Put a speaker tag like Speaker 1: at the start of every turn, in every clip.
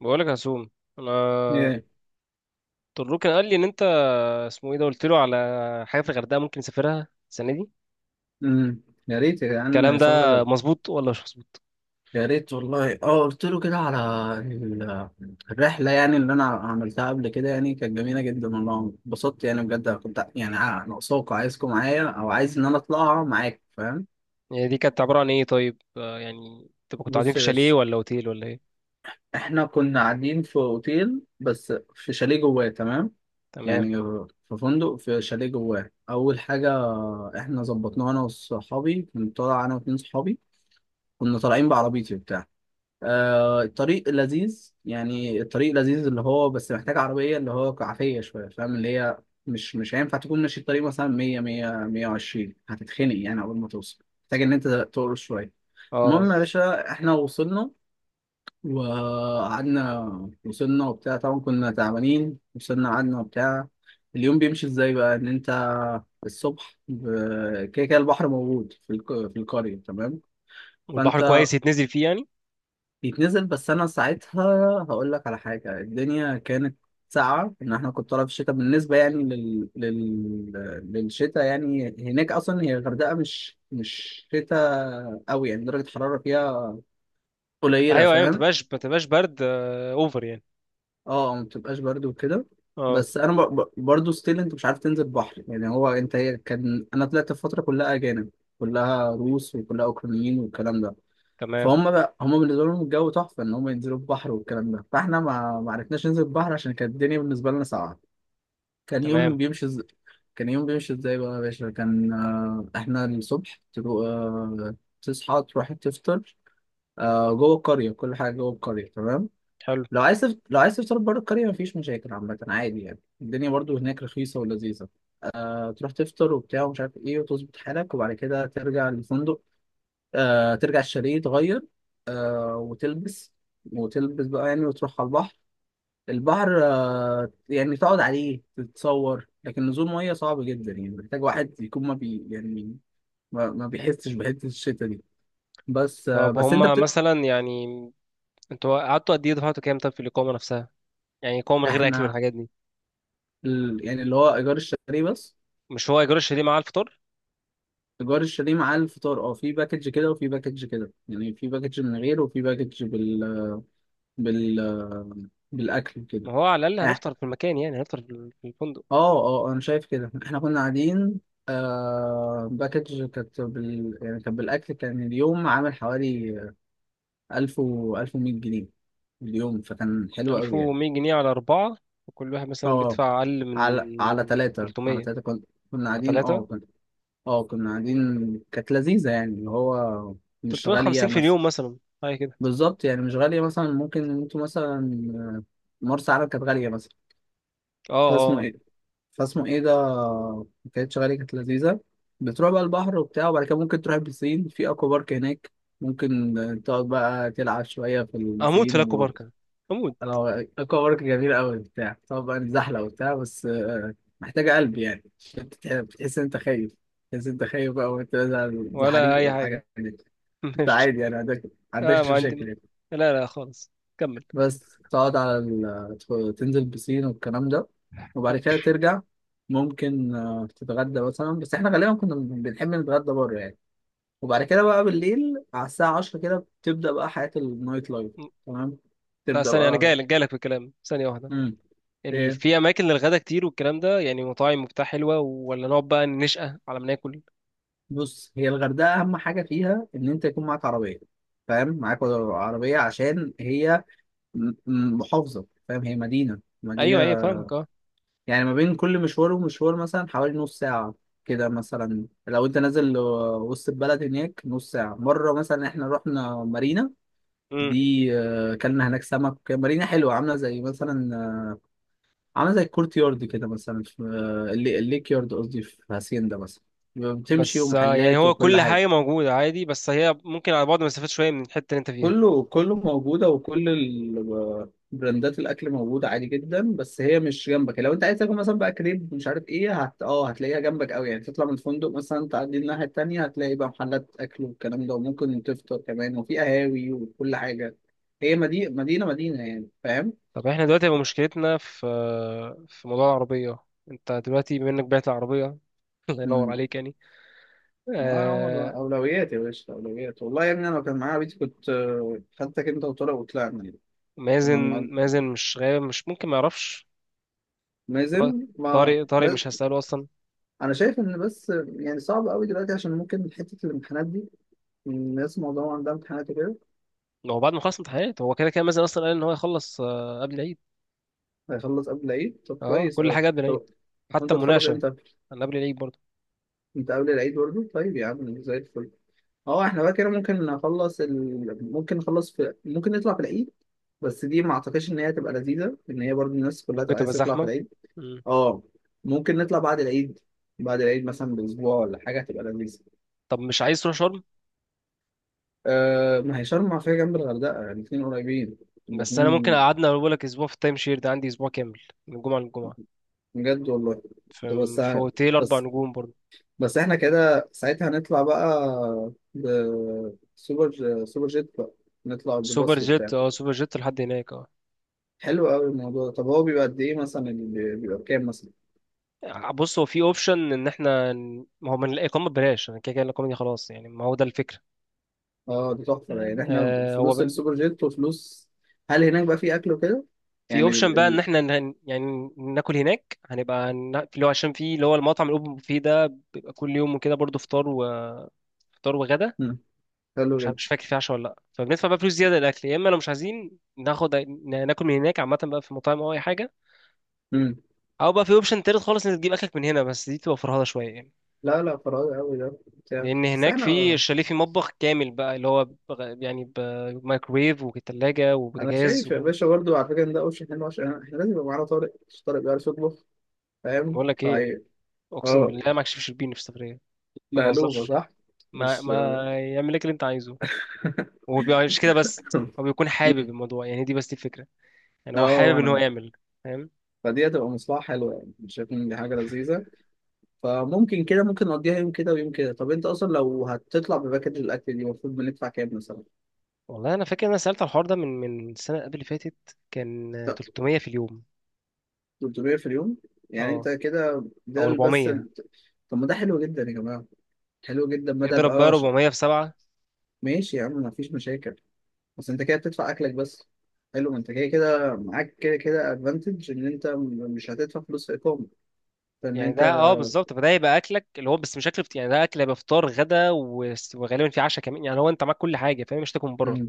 Speaker 1: بقولك يا هسوم، انا
Speaker 2: ياه.
Speaker 1: طروق كان قال لي ان انت اسمه ايه ده، قلت له على حاجه في الغردقه ممكن نسافرها السنه دي.
Speaker 2: امم يا ريت يا
Speaker 1: الكلام
Speaker 2: جدعان
Speaker 1: ده
Speaker 2: سفرة غير.
Speaker 1: مظبوط ولا مش مظبوط؟
Speaker 2: يا ريت والله، اه، قلت له كده على ال- الرحلة. يعني اللي أنا عملتها قبل كده يعني كانت جميلة جدا والله، اتبسطت يعني بجد. كنت يعني ناقصاكوا، عايزكوا معايا أو عايز إن أنا أطلعها معاك. فاهم؟
Speaker 1: يعني دي كانت عباره عن ايه طيب؟ يعني تبقى كنتوا قاعدين
Speaker 2: بص
Speaker 1: في
Speaker 2: يا
Speaker 1: شاليه
Speaker 2: باشا،
Speaker 1: ولا اوتيل ولا ايه؟
Speaker 2: إحنا كنا قاعدين في أوتيل بس في شاليه جواه. تمام،
Speaker 1: تمام.
Speaker 2: يعني في فندق في شاليه جواه. أول حاجة، إحنا ظبطناه أنا وصحابي. كنت طالع أنا واتنين صحابي، كنا طالعين بعربيتي وبتاع. آه، الطريق لذيذ، يعني الطريق لذيذ اللي هو بس محتاج عربية، اللي هو عافية شوية. فاهم؟ اللي هي مش هينفع تكون ماشي الطريق مثلا 100، 100، 120، هتتخنق. يعني أول ما توصل محتاج إن أنت تقرص شوية.
Speaker 1: اه،
Speaker 2: المهم يا باشا، إحنا وصلنا وقعدنا. وصلنا وبتاع، طبعا كنا تعبانين، وصلنا قعدنا وبتاع. اليوم بيمشي إزاي بقى؟ إن أنت الصبح كده كده البحر موجود في القرية. تمام.
Speaker 1: والبحر
Speaker 2: فأنت
Speaker 1: كويس يتنزل فيه يعني؟
Speaker 2: بيتنزل، بس انا ساعتها هقول لك على حاجه، الدنيا كانت ساقعه، ان احنا كنت طالع في الشتاء، بالنسبه يعني للشتاء. يعني هناك اصلا هي الغردقه مش شتاء قوي، يعني درجه الحراره فيها قليله.
Speaker 1: ايوه ايوه، ما
Speaker 2: فاهم؟
Speaker 1: تبقاش ما تبقاش برد، اوفر يعني.
Speaker 2: اه، ما بتبقاش برد وكده.
Speaker 1: اه.
Speaker 2: بس انا برضو ستيل انت مش عارف تنزل بحر. يعني هو انت هي كان انا طلعت الفتره كلها اجانب، كلها روس وكلها اوكرانيين والكلام ده.
Speaker 1: تمام
Speaker 2: فهم بقى هم بالنسبه لهم الجو تحفه ان هم ينزلوا البحر والكلام ده، فاحنا ما عرفناش ننزل البحر عشان كانت الدنيا بالنسبه لنا ساقعه. كان يوم
Speaker 1: تمام.
Speaker 2: بيمشي إز... كان يوم بيمشي ازاي بقى يا باشا؟ كان آه، احنا الصبح تروح، آه، تصحى تروح تفطر، آه، جوه القريه. كل حاجه جوه القريه، تمام.
Speaker 1: حلو.
Speaker 2: لو عايز تفطر بره القريه مفيش مشاكل. عامه عادي، يعني الدنيا برضو هناك رخيصه ولذيذه. آه، تروح تفطر وبتاع ومش عارف ايه، وتظبط حالك وبعد كده ترجع للفندق. آه، ترجع الشاليه، تغير وتلبس. وتلبس بقى يعني وتروح على البحر. البحر آه، يعني تقعد عليه تتصور، لكن نزول ميه صعب جدا. يعني محتاج واحد يكون ما بي يعني ما بيحسش بحته الشتا دي. بس آه،
Speaker 1: طب
Speaker 2: بس انت
Speaker 1: هما
Speaker 2: بت...
Speaker 1: مثلا يعني، انتوا قعدتوا قد ايه دفعتوا كام طب في الاقامه نفسها؟ يعني اقامه من غير اكل
Speaker 2: احنا
Speaker 1: والحاجات دي؟
Speaker 2: يعني اللي هو ايجار الشاليه بس.
Speaker 1: مش هو ايجار الشاليه مع الفطار؟
Speaker 2: ايجار الشاليه مع الفطار، اه، في باكج كده وفي باكج كده. يعني في باكج من غير، وفي باكج بال آه، بالاكل كده.
Speaker 1: ما هو على الأقل هنفطر في المكان، يعني هنفطر في الفندق.
Speaker 2: اه اه، انا شايف كده، احنا كنا قاعدين. آه، باكج كانت يعني كانت بالاكل، كان اليوم عامل حوالي 1000 و 1100 جنيه اليوم. فكان حلو قوي يعني.
Speaker 1: 1100 جنيه على أربعة، وكل واحد مثلا
Speaker 2: اه،
Speaker 1: بيدفع أقل
Speaker 2: على
Speaker 1: من
Speaker 2: ثلاثة. على
Speaker 1: 300،
Speaker 2: ثلاثة كنا، كنا
Speaker 1: على
Speaker 2: قاعدين اه
Speaker 1: ثلاثة.
Speaker 2: كنا اه كنا قاعدين، كانت لذيذة يعني اللي هو مش غالية
Speaker 1: 350 في اليوم
Speaker 2: مثلا.
Speaker 1: مثلا، حاجة كده.
Speaker 2: بالظبط، يعني مش غالية مثلا. ممكن انتوا مثلا آه، مرسى علم كانت غالية مثلا.
Speaker 1: اه
Speaker 2: فاسمه
Speaker 1: اه.
Speaker 2: ايه، ده، كانت شغالة، كانت لذيذة. بتروح بقى البحر وبتاع، وبعد كده ممكن تروح البسين في اكوا بارك هناك. ممكن تقعد بقى تلعب شوية في
Speaker 1: آه. أموت في
Speaker 2: البسين
Speaker 1: لاكو
Speaker 2: و
Speaker 1: باركا، أموت.
Speaker 2: اكوا بارك جميل قوي بتاع. تقعد بقى نزحلق وبتاع، بس آه، محتاجة قلب يعني عشان بتحس ان انت خايف. تحس ان انت خايف بقى وانت
Speaker 1: ولا
Speaker 2: زحريق
Speaker 1: أي حاجة.
Speaker 2: والحاجات دي. انت
Speaker 1: ماشي.
Speaker 2: عادي يعني،
Speaker 1: اه،
Speaker 2: عندكش
Speaker 1: ما
Speaker 2: مشاكل
Speaker 1: عندي.
Speaker 2: يعني.
Speaker 1: لا لا خالص. كمل.
Speaker 2: بس تقعد على تنزل بسين والكلام ده، وبعد كده ترجع. ممكن آه، تتغدى مثلا، بس احنا غالبا كنا بنحب نتغدى بره يعني. وبعد كده بقى بالليل على الساعة 10 كده بتبدأ بقى حياة النايت لايف. تمام،
Speaker 1: لا،
Speaker 2: تبدأ
Speaker 1: ثانية، أنا جاي
Speaker 2: بقى.
Speaker 1: لك، جاي لك في الكلام، ثانية واحدة.
Speaker 2: امم ايه،
Speaker 1: في أماكن للغدا كتير والكلام ده، يعني مطاعم وبتاع حلوة، ولا نقعد بقى نشقى على ما ناكل؟
Speaker 2: بص هي الغردقة أهم حاجة فيها إن أنت يكون معاك عربية. فاهم؟ معاك عربية عشان هي محافظة. فاهم؟ هي مدينة
Speaker 1: أيوه أيوه،
Speaker 2: مدينة.
Speaker 1: فاهمك، اه.
Speaker 2: يعني ما بين كل مشوار ومشوار مثلا حوالي نص ساعة كده، مثلا لو انت نازل آه، وسط البلد هناك نص ساعة. مرة مثلا احنا رحنا مارينا، دي آه، اكلنا هناك سمك. مارينا حلوة، عاملة زي مثلا آه، عاملة زي الكورت يارد كده مثلا، في آه، الليك يارد، قصدي في هاسيندا مثلا. بتمشي
Speaker 1: بس، يعني
Speaker 2: ومحلات
Speaker 1: هو
Speaker 2: وكل
Speaker 1: كل
Speaker 2: حاجة.
Speaker 1: حاجة موجودة عادي، بس هي ممكن على بعد مسافات شوية من الحتة اللي انت فيها.
Speaker 2: كله كله موجودة، وكل ال- براندات الأكل موجودة عادي جدا. بس هي مش جنبك. لو أنت عايز تاكل مثلا بقى كريب مش عارف إيه هت أه هتلاقيها جنبك أوي. يعني تطلع من الفندق مثلا، تعدي الناحية التانية هتلاقي بقى محلات أكل والكلام ده، وممكن تفطر كمان، وفي قهاوي وكل حاجة. هي مدينة مدينة مدينة يعني. فاهم؟
Speaker 1: طب احنا دلوقتي هيبقى مشكلتنا في موضوع العربية. انت دلوقتي بما انك بعت العربية، الله ينور
Speaker 2: امم
Speaker 1: عليك يعني.
Speaker 2: ما هو يا عمر بقى
Speaker 1: آه.
Speaker 2: أولويات يا باشا، أولويات والله يا ابني. أنا لو كان معايا بيتي كنت آه، خدتك أنت وطارق وطلعنا. كنا.
Speaker 1: مازن مازن مش غايب، مش ممكن ما يعرفش. طارق،
Speaker 2: مازن ما.
Speaker 1: طارق مش هسأله أصلا.
Speaker 2: انا شايف ان بس يعني صعب قوي دلوقتي، عشان ممكن حته الامتحانات دي، الناس معظمها عندها امتحانات كده.
Speaker 1: هو بعد ما خلص امتحانات، هو كده كده مازن أصلا قال إن هو يخلص قبل العيد.
Speaker 2: هيخلص قبل العيد؟ طب
Speaker 1: اه،
Speaker 2: كويس
Speaker 1: كل
Speaker 2: قوي.
Speaker 1: حاجة قبل العيد.
Speaker 2: طب
Speaker 1: حتى
Speaker 2: وانت تخلص
Speaker 1: المناقشة.
Speaker 2: امتى؟
Speaker 1: أنا قبل العيد برضه.
Speaker 2: انت قبل العيد برضه؟ طيب يا عم زي الفل. اه، احنا بقى كده ممكن نخلص ال... ممكن نخلص في ممكن نطلع في العيد. بس دي ما اعتقدش ان هي تبقى لذيذه، ان هي برضه الناس كلها
Speaker 1: ممكن
Speaker 2: تبقى
Speaker 1: تبقى
Speaker 2: عايزه تطلع في
Speaker 1: زحمة.
Speaker 2: العيد.
Speaker 1: مم.
Speaker 2: اه، ممكن نطلع بعد العيد. بعد العيد مثلا باسبوع ولا حاجه هتبقى لذيذه.
Speaker 1: طب مش عايز تروح شرم؟
Speaker 2: أه، ما هي شرم فيها جنب الغردقه، يعني الاثنين قريبين.
Speaker 1: بس انا ممكن
Speaker 2: الاثنين.
Speaker 1: اقعدنا، اقول لك اسبوع في التايم شير ده، عندي اسبوع كامل من جمعه للجمعه،
Speaker 2: بجد والله. كنت
Speaker 1: في في اوتيل اربع
Speaker 2: بس
Speaker 1: نجوم برضه.
Speaker 2: بس احنا كده ساعتها هنطلع بقى بسوبر جيت بقى، نطلع
Speaker 1: سوبر
Speaker 2: بالباص
Speaker 1: جيت،
Speaker 2: وبتاع.
Speaker 1: اه، سوبر جيت لحد هناك، اه.
Speaker 2: حلو قوي الموضوع ده. طب هو بيبقى قد ايه مثلا، اللي بيبقى بكام مثلا؟
Speaker 1: بص، هو في اوبشن ان احنا ما هو من الاقامه ببلاش، انا كده كده الاقامه دي خلاص يعني، ما هو ده الفكره.
Speaker 2: اه، ده تحفه يعني، احنا
Speaker 1: آه هو
Speaker 2: فلوس
Speaker 1: ب...
Speaker 2: السوبر جيت وفلوس. هل هناك بقى في اكل وكده؟
Speaker 1: في
Speaker 2: يعني
Speaker 1: اوبشن بقى ان احنا يعني ناكل هناك، هنبقى اللي هو عشان في اللي هو المطعم الاوبن بوفيه ده. بيبقى كل يوم وكده برضه، فطار وفطار وغدا.
Speaker 2: مم. حلو
Speaker 1: مش
Speaker 2: جدا.
Speaker 1: فاكر في عشاء ولا لا، فبندفع بقى فلوس زياده للاكل، يا اما لو مش عايزين ناخد، ناكل من هناك عامه بقى في مطاعم او اي حاجه.
Speaker 2: مم.
Speaker 1: او بقى في اوبشن تالت خالص، انك تجيب اكلك من هنا، بس دي تبقى فرهده شويه يعني.
Speaker 2: لا لا، فراغ قوي ده بتاع.
Speaker 1: لان
Speaker 2: بس
Speaker 1: هناك في
Speaker 2: احنا
Speaker 1: الشاليه في مطبخ كامل بقى، اللي هو يعني بمايكرويف وثلاجه
Speaker 2: انا
Speaker 1: وبوتاجاز
Speaker 2: شايف يا
Speaker 1: و-.
Speaker 2: باشا برضه على فكره ان ده اوبشن حلو، عشان احنا لازم يبقى معانا طارق. مش طارق بيعرف يطبخ. فاهم؟
Speaker 1: بقول لك ايه،
Speaker 2: طيب،
Speaker 1: اقسم
Speaker 2: اه،
Speaker 1: بالله ما اكشفش البين في السفريه. ما
Speaker 2: لهلوبة
Speaker 1: بهزرش.
Speaker 2: صح؟
Speaker 1: ما
Speaker 2: مش
Speaker 1: ما يعمل لك اللي انت عايزه. ومش كده بس، هو بيكون حابب
Speaker 2: مم.
Speaker 1: الموضوع يعني. دي بس دي الفكره، يعني هو
Speaker 2: اه،
Speaker 1: حابب ان هو
Speaker 2: وانا
Speaker 1: يعمل، فاهم.
Speaker 2: فدي هتبقى مصلحة حلوة. يعني مش شايف ان دي حاجة لذيذة؟ فممكن كده ممكن نقضيها يوم كده ويوم كده. طب انت اصلا لو هتطلع بباكج الاكل دي المفروض بندفع كام مثلا؟
Speaker 1: والله انا فاكر ان انا سالت على الحوار ده من، السنه قبل اللي فاتت، كان
Speaker 2: لا،
Speaker 1: 300 في اليوم.
Speaker 2: 300 في اليوم؟ يعني
Speaker 1: اه،
Speaker 2: انت كده ده
Speaker 1: او 400.
Speaker 2: طب، ما ده حلو جدا يا جماعة. حلو جدا بدل
Speaker 1: اضرب بقى
Speaker 2: بقى
Speaker 1: 400 في 7.
Speaker 2: ماشي يا عم، مفيش مشاكل. بس انت كده بتدفع اكلك بس. حلو، ما انت كده كده معاك كده كده ادفانتج ان انت مش هتدفع فلوس في اقامة. فان
Speaker 1: يعني
Speaker 2: انت،
Speaker 1: ده اه بالظبط. فده يبقى اكلك اللي هو بس، مش اكل فطير، يعني ده اكل هيبقى فطار غدا وغالبا في عشاء كمان، يعني هو انت معاك كل حاجه، فاهم، مش تاكل من بره.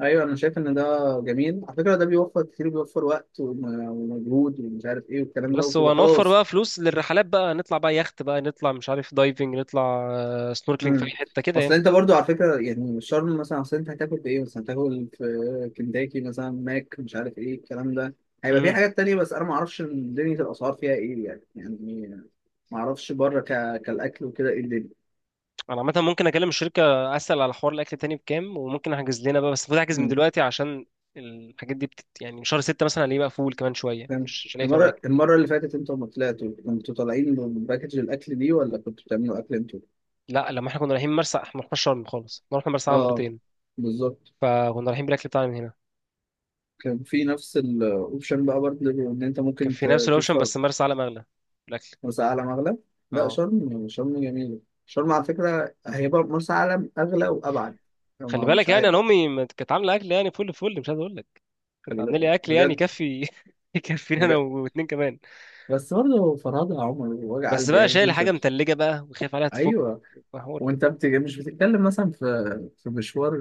Speaker 2: ايوه، انا شايف ان ده جميل على فكره، ده بيوفر كتير، بيوفر وقت ومجهود ومش عارف ايه والكلام ده،
Speaker 1: بس
Speaker 2: وبتبقى
Speaker 1: هو نوفر
Speaker 2: خلاص.
Speaker 1: بقى فلوس للرحلات، بقى نطلع بقى يخت، بقى نطلع مش عارف دايفنج، نطلع سنوركلينج في اي
Speaker 2: امم
Speaker 1: حته
Speaker 2: اصل
Speaker 1: كده.
Speaker 2: انت برضو على فكره يعني شرم مثلا، اصل انت هتاكل بايه مثلا؟ هتاكل في كنتاكي مثلا؟ ماك مش عارف ايه الكلام ده. هيبقى في
Speaker 1: يعني
Speaker 2: حاجات تانية، بس انا ما اعرفش دنيا الاسعار فيها ايه يعني. يعني ما اعرفش بره كالاكل وكده ايه الدنيا.
Speaker 1: انا عامه ممكن اكلم الشركه، اسال على حوار الاكل تاني بكام، وممكن احجز لنا بقى. بس المفروض احجز من
Speaker 2: امم
Speaker 1: دلوقتي عشان الحاجات دي يعني شهر 6 مثلا هنلاقيه بقى فول، كمان شويه
Speaker 2: فاهم.
Speaker 1: مش هنلاقي فيه اماكن.
Speaker 2: المره اللي فاتت انتوا لما طلعتوا كنتوا طالعين بباكج الاكل دي، ولا كنتوا بتعملوا اكل انتوا؟
Speaker 1: لا، لما احنا كنا رايحين مرسى، احنا ما رحناش شرم خالص، احنا رحنا مرسى علم
Speaker 2: اه،
Speaker 1: مرتين.
Speaker 2: بالظبط.
Speaker 1: فكنا رايحين بالاكل بتاعنا من هنا.
Speaker 2: كان في نفس الاوبشن بقى برضه ان انت
Speaker 1: كان
Speaker 2: ممكن
Speaker 1: في نفس الاوبشن،
Speaker 2: تدفع.
Speaker 1: بس مرسى علم اغلى، الاكل.
Speaker 2: مرسى علم اغلى؟ لا،
Speaker 1: اه.
Speaker 2: شرم. شرم جميله. شرم على فكره هيبقى مرسى علم اغلى وابعد. أنا
Speaker 1: خلي بالك
Speaker 2: مش
Speaker 1: يعني،
Speaker 2: عارف.
Speaker 1: انا امي ما كانت عامله اكل يعني، فل فل، مش عايز اقول لك. كانت
Speaker 2: خلي
Speaker 1: عامله
Speaker 2: بالك.
Speaker 1: لي اكل يعني
Speaker 2: بجد.
Speaker 1: يكفي، يكفينا انا
Speaker 2: بجد،
Speaker 1: واتنين كمان.
Speaker 2: بس برضه فرهدة يا عمر، وجع
Speaker 1: بس
Speaker 2: قلبي
Speaker 1: بقى
Speaker 2: يعني إن
Speaker 1: شايل
Speaker 2: انت.
Speaker 1: حاجه متلجه بقى وخايف عليها تفك،
Speaker 2: ايوه،
Speaker 1: حوار.
Speaker 2: وانت مش بتتكلم مثلا في في مشوار.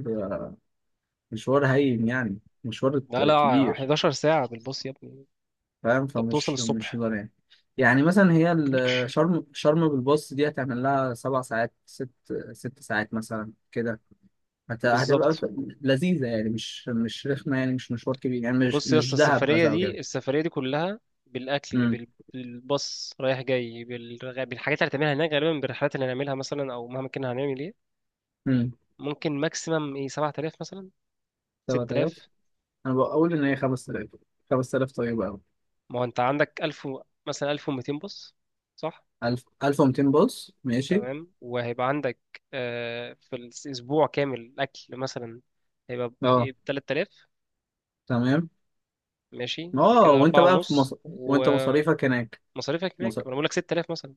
Speaker 2: مشوار هين يعني، مشوار
Speaker 1: لا لا،
Speaker 2: كبير،
Speaker 1: 11 ساعة بالبص يا ابني.
Speaker 2: فاهم؟
Speaker 1: انت بتوصل
Speaker 2: فمش مش
Speaker 1: الصبح.
Speaker 2: هزار يعني. يعني مثلا هي ال- شرم، شرم بالباص دي هتعمل لها 7 ساعات، ست. 6 ساعات مثلا كده. هتبقى
Speaker 1: بالظبط.
Speaker 2: لذيذة يعني. مش رخمة يعني. مش مشوار كبير يعني مش
Speaker 1: بص يا
Speaker 2: مش
Speaker 1: اسطى،
Speaker 2: دهب
Speaker 1: السفرية
Speaker 2: مثلا أو كده.
Speaker 1: دي السفرية دي كلها بالأكل،
Speaker 2: امم
Speaker 1: بالباص رايح جاي، بالحاجات اللي هتعملها هناك، غالبا بالرحلات اللي هنعملها مثلا، أو مهما كنا هنعمل ايه.
Speaker 2: امم
Speaker 1: ممكن ماكسيمم ايه، 7000 مثلا،
Speaker 2: 7000؟
Speaker 1: 6000.
Speaker 2: أنا بقول إن هي 5000. 5000 طيبة أوي.
Speaker 1: ما هو انت عندك 1000، مثلا 1200 باص، صح؟
Speaker 2: 1000، 1200 باص. ماشي.
Speaker 1: تمام، وهيبقى عندك في الأسبوع كامل أكل مثلا، هيبقى
Speaker 2: أه،
Speaker 1: ب 3000.
Speaker 2: تمام.
Speaker 1: ماشي، يبقى
Speaker 2: أه،
Speaker 1: كده
Speaker 2: وأنت
Speaker 1: أربعة
Speaker 2: بقى في
Speaker 1: ونص،
Speaker 2: مصر،
Speaker 1: و
Speaker 2: وأنت مصاريفك هناك.
Speaker 1: مصاريفك هناك انا بقول لك 6000 مثلا.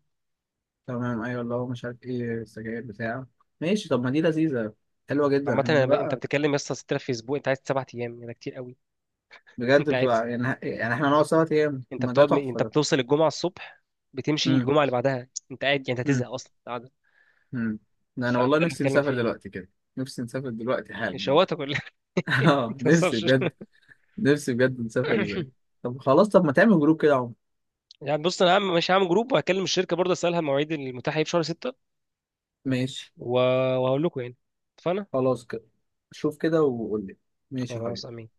Speaker 2: تمام، ايوه اللي هو مش عارف ايه، السجاير بتاع. ماشي، طب ما دي لذيذه. حلوه جدا،
Speaker 1: عامه أنا
Speaker 2: إحنا.
Speaker 1: انت
Speaker 2: لا،
Speaker 1: بتتكلم يا اسطى 6000 في اسبوع، انت قاعد 7 ايام يعني، ده كتير قوي. انت
Speaker 2: بجد
Speaker 1: قاعد.
Speaker 2: بتبقى يعني. يعني احنا نقعد سوا ايام، ما ده تحفه
Speaker 1: انت
Speaker 2: ده.
Speaker 1: بتوصل الجمعه الصبح، بتمشي
Speaker 2: امم
Speaker 1: الجمعه اللي بعدها، انت قاعد يعني، انت
Speaker 2: امم
Speaker 1: هتزهق اصلا قاعده.
Speaker 2: امم ده انا
Speaker 1: فده
Speaker 2: والله
Speaker 1: اللي
Speaker 2: نفسي
Speaker 1: بتكلم
Speaker 2: نسافر
Speaker 1: فيه.
Speaker 2: دلوقتي كده. نفسي نسافر دلوقتي حالا والله.
Speaker 1: شواطه كلها. ما
Speaker 2: اه، نفسي
Speaker 1: تهزرش.
Speaker 2: بجد. نفسي بجد نسافر دلوقتي. طب خلاص، طب ما تعمل جروب كده يا عمر.
Speaker 1: يعني بص، انا هعمل، مش هعمل جروب، وهكلم الشركه برضه اسالها المواعيد المتاحه ايه في شهر 6.
Speaker 2: ماشي.
Speaker 1: و... وهقول لكم يعني. اتفقنا.
Speaker 2: خلاص كده، شوف كده وقول لي. ماشي يا
Speaker 1: خلاص.
Speaker 2: حبيبي.
Speaker 1: امين.